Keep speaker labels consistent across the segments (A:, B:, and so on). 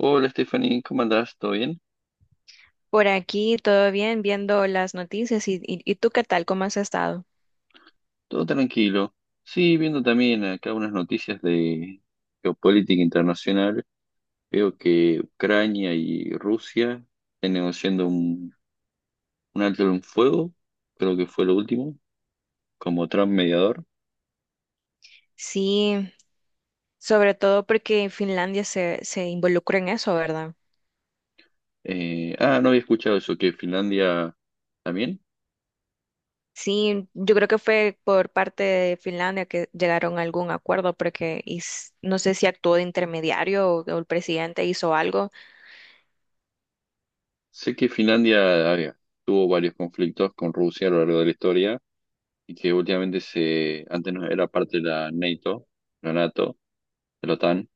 A: Hola Stephanie, ¿cómo andás? ¿Todo bien?
B: Por aquí todo bien, viendo las noticias y tú qué tal, ¿cómo has estado?
A: Todo tranquilo. Sí, viendo también acá unas noticias de geopolítica internacional, veo que Ucrania y Rusia están negociando un alto en fuego, creo que fue lo último, como Trump mediador.
B: Sí, sobre todo porque Finlandia se involucra en eso, ¿verdad?
A: No había escuchado eso, que Finlandia también.
B: Sí, yo creo que fue por parte de Finlandia que llegaron a algún acuerdo porque no sé si actuó de intermediario o el presidente hizo algo.
A: Sé que Finlandia a tuvo varios conflictos con Rusia a lo largo de la historia y que últimamente antes no era parte de la NATO, la NATO, de la OTAN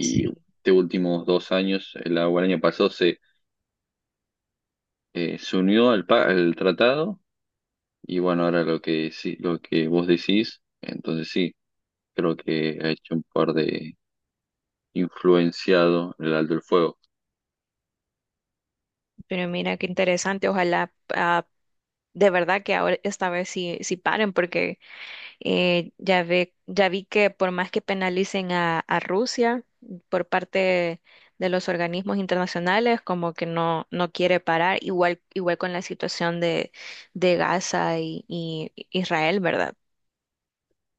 B: Sí,
A: de últimos dos años, el año pasado, se unió al tratado. Y bueno, ahora lo que vos decís, entonces sí, creo que ha hecho un par de influenciado el alto el fuego.
B: pero mira qué interesante, ojalá de verdad que ahora esta vez sí, sí paren porque ya ve, ya vi que por más que penalicen a Rusia por parte de los organismos internacionales, como que no quiere parar, igual, igual con la situación de Gaza y Israel, ¿verdad?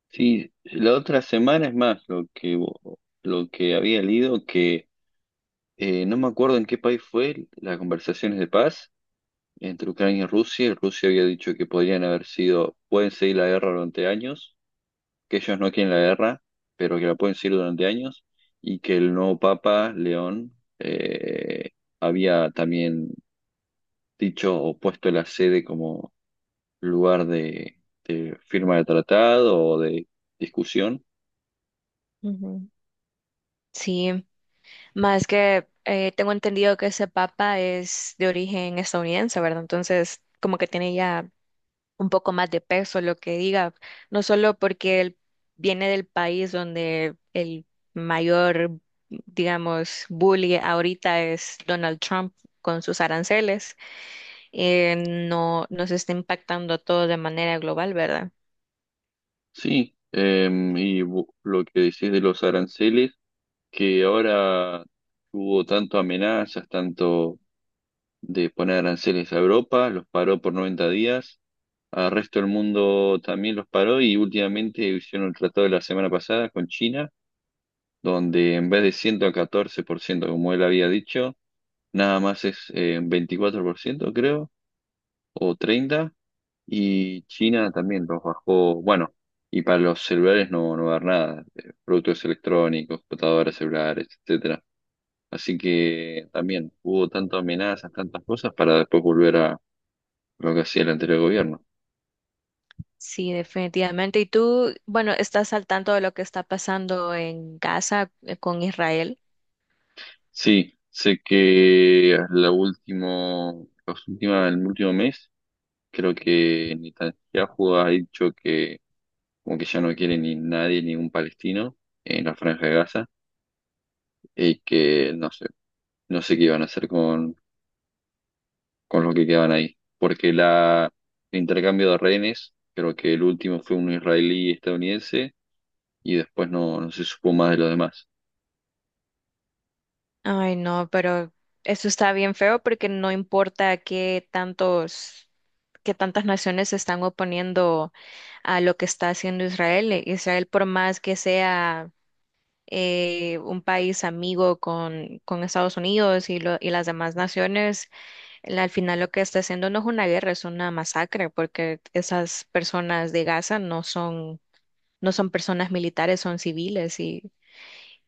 A: Sí, la otra semana es más lo que había leído, que no me acuerdo en qué país fue las conversaciones de paz entre Ucrania y Rusia. Rusia había dicho que podrían haber sido, pueden seguir la guerra durante años, que ellos no quieren la guerra, pero que la pueden seguir durante años, y que el nuevo Papa León había también dicho o puesto la sede como lugar de firma de tratado o de discusión.
B: Ujú. Sí, más que tengo entendido que ese papa es de origen estadounidense, ¿verdad? Entonces, como que tiene ya un poco más de peso lo que diga, no solo porque él viene del país donde el mayor, digamos, bully ahorita es Donald Trump con sus aranceles, eh, no nos está impactando todo de manera global, ¿verdad?
A: Sí, lo que decís de los aranceles, que ahora hubo tanto amenazas, tanto de poner aranceles a Europa, los paró por 90 días. Al resto del mundo también los paró y últimamente hicieron el tratado de la semana pasada con China, donde en vez de 114% como él había dicho, nada más es 24%, creo, o 30%, y China también los bajó. Bueno, y para los celulares no va a haber nada, productos electrónicos, computadoras celulares, etcétera. Así que también hubo tantas amenazas, tantas cosas para después volver a lo que hacía el anterior gobierno.
B: Sí, definitivamente. Y tú, bueno, ¿estás al tanto de lo que está pasando en Gaza con Israel?
A: Sí, sé que la último, el último mes creo que Netanyahu ha dicho que como que ya no quiere ni nadie, ningún palestino en la Franja de Gaza y que no sé, no sé qué iban a hacer con los que quedaban ahí. Porque el intercambio de rehenes, creo que el último fue un israelí estadounidense y después no se supo más de los demás.
B: Ay, no, pero eso está bien feo porque no importa qué tantos, qué tantas naciones se están oponiendo a lo que está haciendo Israel. Israel, por más que sea un país amigo con Estados Unidos y, y las demás naciones, al final lo que está haciendo no es una guerra, es una masacre, porque esas personas de Gaza no son, no son personas militares, son civiles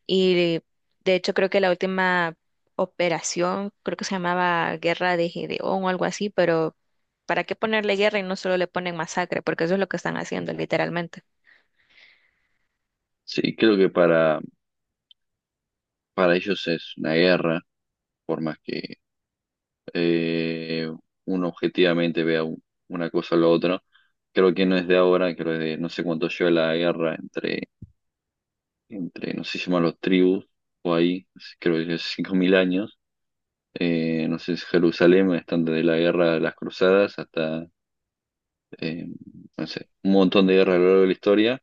B: y de hecho creo que la última operación, creo que se llamaba Guerra de Gedeón o algo así, pero ¿para qué ponerle guerra y no solo le ponen masacre? Porque eso es lo que están haciendo literalmente.
A: Sí, creo que para ellos es una guerra por más que eh, uno objetivamente vea una cosa o la otra. Creo que no es de ahora, creo que de no sé cuánto lleva la guerra entre no sé si se llaman los tribus o ahí, creo que es 5000 años. No sé si Jerusalén, están desde la guerra de las cruzadas hasta, eh, no sé, un montón de guerras a lo largo de la historia.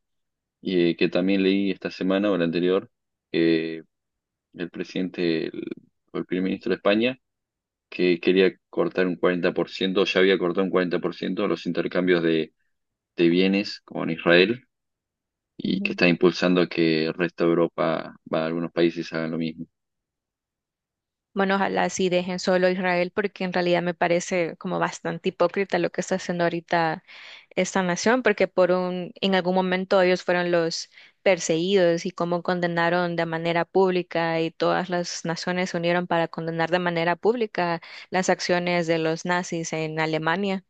A: Y que también leí esta semana o la anterior, que el presidente, el primer ministro de España, que quería cortar un 40%, ya había cortado un 40% los intercambios de bienes con Israel y que está impulsando que el resto de Europa, va, algunos países hagan lo mismo.
B: Bueno, ojalá sí dejen solo a Israel, porque en realidad me parece como bastante hipócrita lo que está haciendo ahorita esta nación, porque por un, en algún momento ellos fueron los perseguidos y cómo condenaron de manera pública y todas las naciones se unieron para condenar de manera pública las acciones de los nazis en Alemania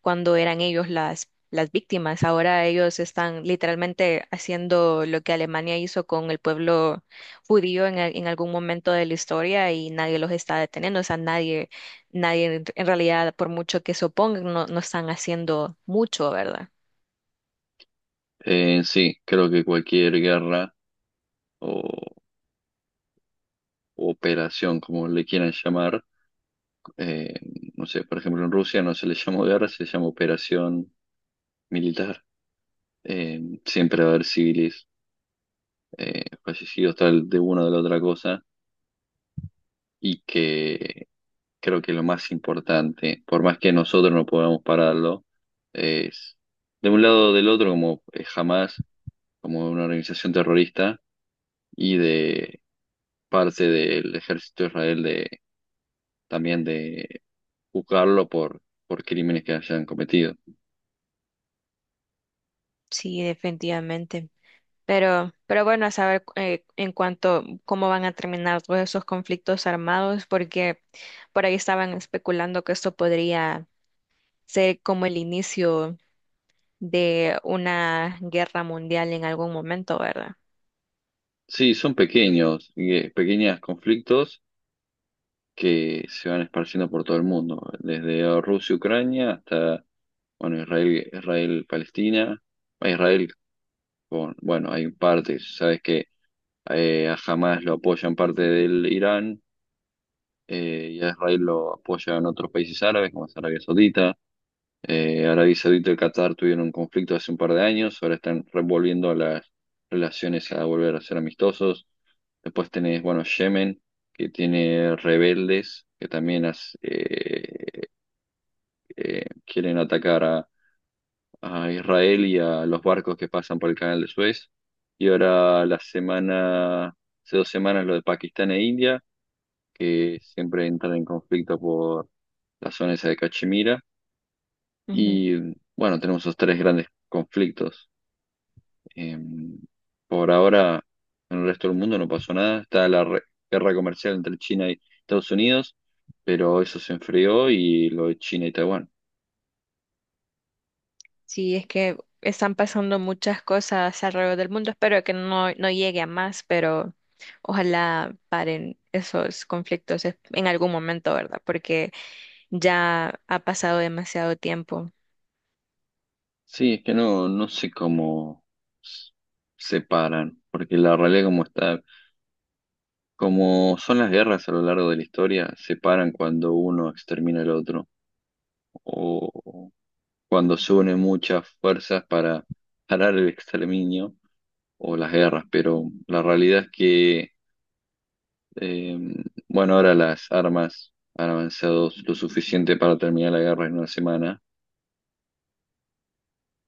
B: cuando eran ellos las víctimas. Ahora ellos están literalmente haciendo lo que Alemania hizo con el pueblo judío en, en algún momento de la historia y nadie los está deteniendo. O sea, nadie, nadie en realidad, por mucho que se opongan, no están haciendo mucho, ¿verdad?
A: Sí, creo que cualquier guerra o o operación, como le quieran llamar, eh, no sé, por ejemplo, en Rusia no se le llamó guerra, se llama operación militar. Siempre va a haber civiles fallecidos, tal de una o de la otra cosa, y que creo que lo más importante, por más que nosotros no podamos pararlo, es de un lado o del otro, como jamás como una organización terrorista, y de parte del ejército de Israel de también de juzgarlo por crímenes que hayan cometido.
B: Sí, definitivamente. Pero bueno, a saber en cuanto cómo van a terminar todos esos conflictos armados, porque por ahí estaban especulando que esto podría ser como el inicio de una guerra mundial en algún momento, ¿verdad?
A: Sí, son pequeños, y, pequeños conflictos que se van esparciendo por todo el mundo, desde Rusia, Ucrania hasta bueno, Israel, Palestina, Israel con, bueno, hay partes, sabes que a Hamas lo apoyan parte del Irán y a Israel lo apoyan otros países árabes como es Arabia Saudita. Arabia Saudita y Qatar tuvieron un conflicto hace un par de años, ahora están revolviendo las relaciones a volver a ser amistosos. Después tenés, bueno, Yemen, que tiene rebeldes que también quieren atacar a Israel y a los barcos que pasan por el canal de Suez. Y ahora hace 2 semanas lo de Pakistán e India, que siempre entran en conflicto por la zona esa de Cachemira.
B: Ujú.
A: Y bueno, tenemos esos tres grandes conflictos. Eh, por ahora, en el resto del mundo no pasó nada. Está la guerra comercial entre China y Estados Unidos, pero eso se enfrió y lo de China y Taiwán.
B: Sí, es que están pasando muchas cosas alrededor del mundo. Espero que no llegue a más, pero ojalá paren esos conflictos en algún momento, ¿verdad? Porque ya ha pasado demasiado tiempo.
A: Sí, es que no, no sé cómo s- separan, porque la realidad como está, como son las guerras a lo largo de la historia, separan cuando uno extermina al otro, o cuando se unen muchas fuerzas para parar el exterminio o las guerras, pero la realidad es que, eh, bueno, ahora las armas han avanzado lo suficiente para terminar la guerra en una semana.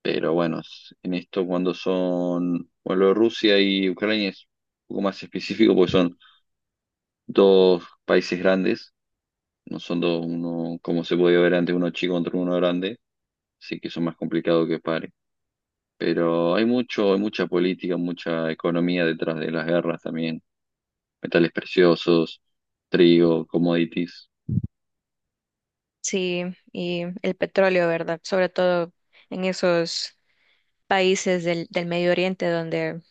A: Pero bueno, en esto cuando son, bueno, lo de Rusia y Ucrania es un poco más específico porque son dos países grandes, no son dos, uno, como se podía ver antes, uno chico contra uno grande, así que son más complicados que pare. Pero hay mucha política, mucha economía detrás de las guerras también, metales preciosos, trigo, commodities.
B: Sí, y el petróleo, ¿verdad? Sobre todo en esos países del Medio Oriente donde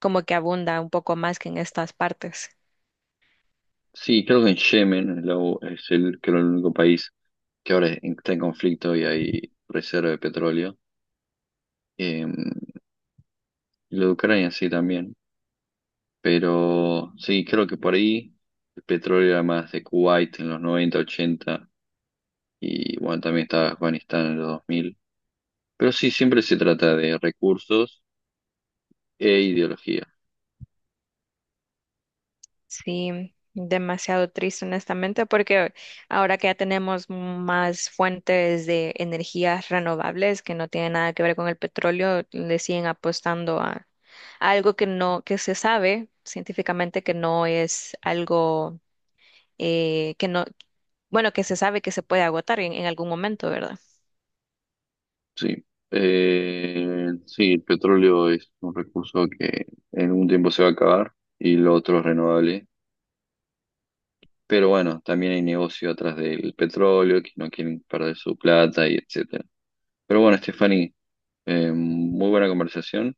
B: como que abunda un poco más que en estas partes.
A: Sí, creo que en Yemen es el, creo el único país que ahora está en conflicto y hay reserva de petróleo. Em, Lo de Ucrania sí también, pero sí, creo que por ahí el petróleo era más de Kuwait en los noventa, ochenta y bueno, también estaba Afganistán en los 2000. Pero sí, siempre se trata de recursos e ideología,
B: Sí, demasiado triste, honestamente, porque ahora que ya tenemos más fuentes de energías renovables que no tienen nada que ver con el petróleo, le siguen apostando a algo que no, que se sabe científicamente que no es algo que no, bueno, que se sabe que se puede agotar en algún momento, ¿verdad?
A: sí. Sí, el petróleo es un recurso que en un tiempo se va a acabar y lo otro es renovable. Pero bueno, también hay negocio atrás del petróleo, que no quieren perder su plata y etcétera. Pero bueno, Stephanie, muy buena conversación.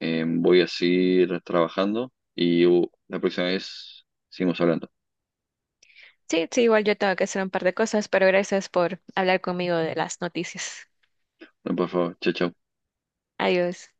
A: Voy a seguir trabajando y la próxima vez seguimos hablando.
B: Sí, sí, igual yo tengo que hacer un par de cosas, pero gracias por hablar conmigo de las noticias.
A: Por favor, chao, chao.
B: Adiós.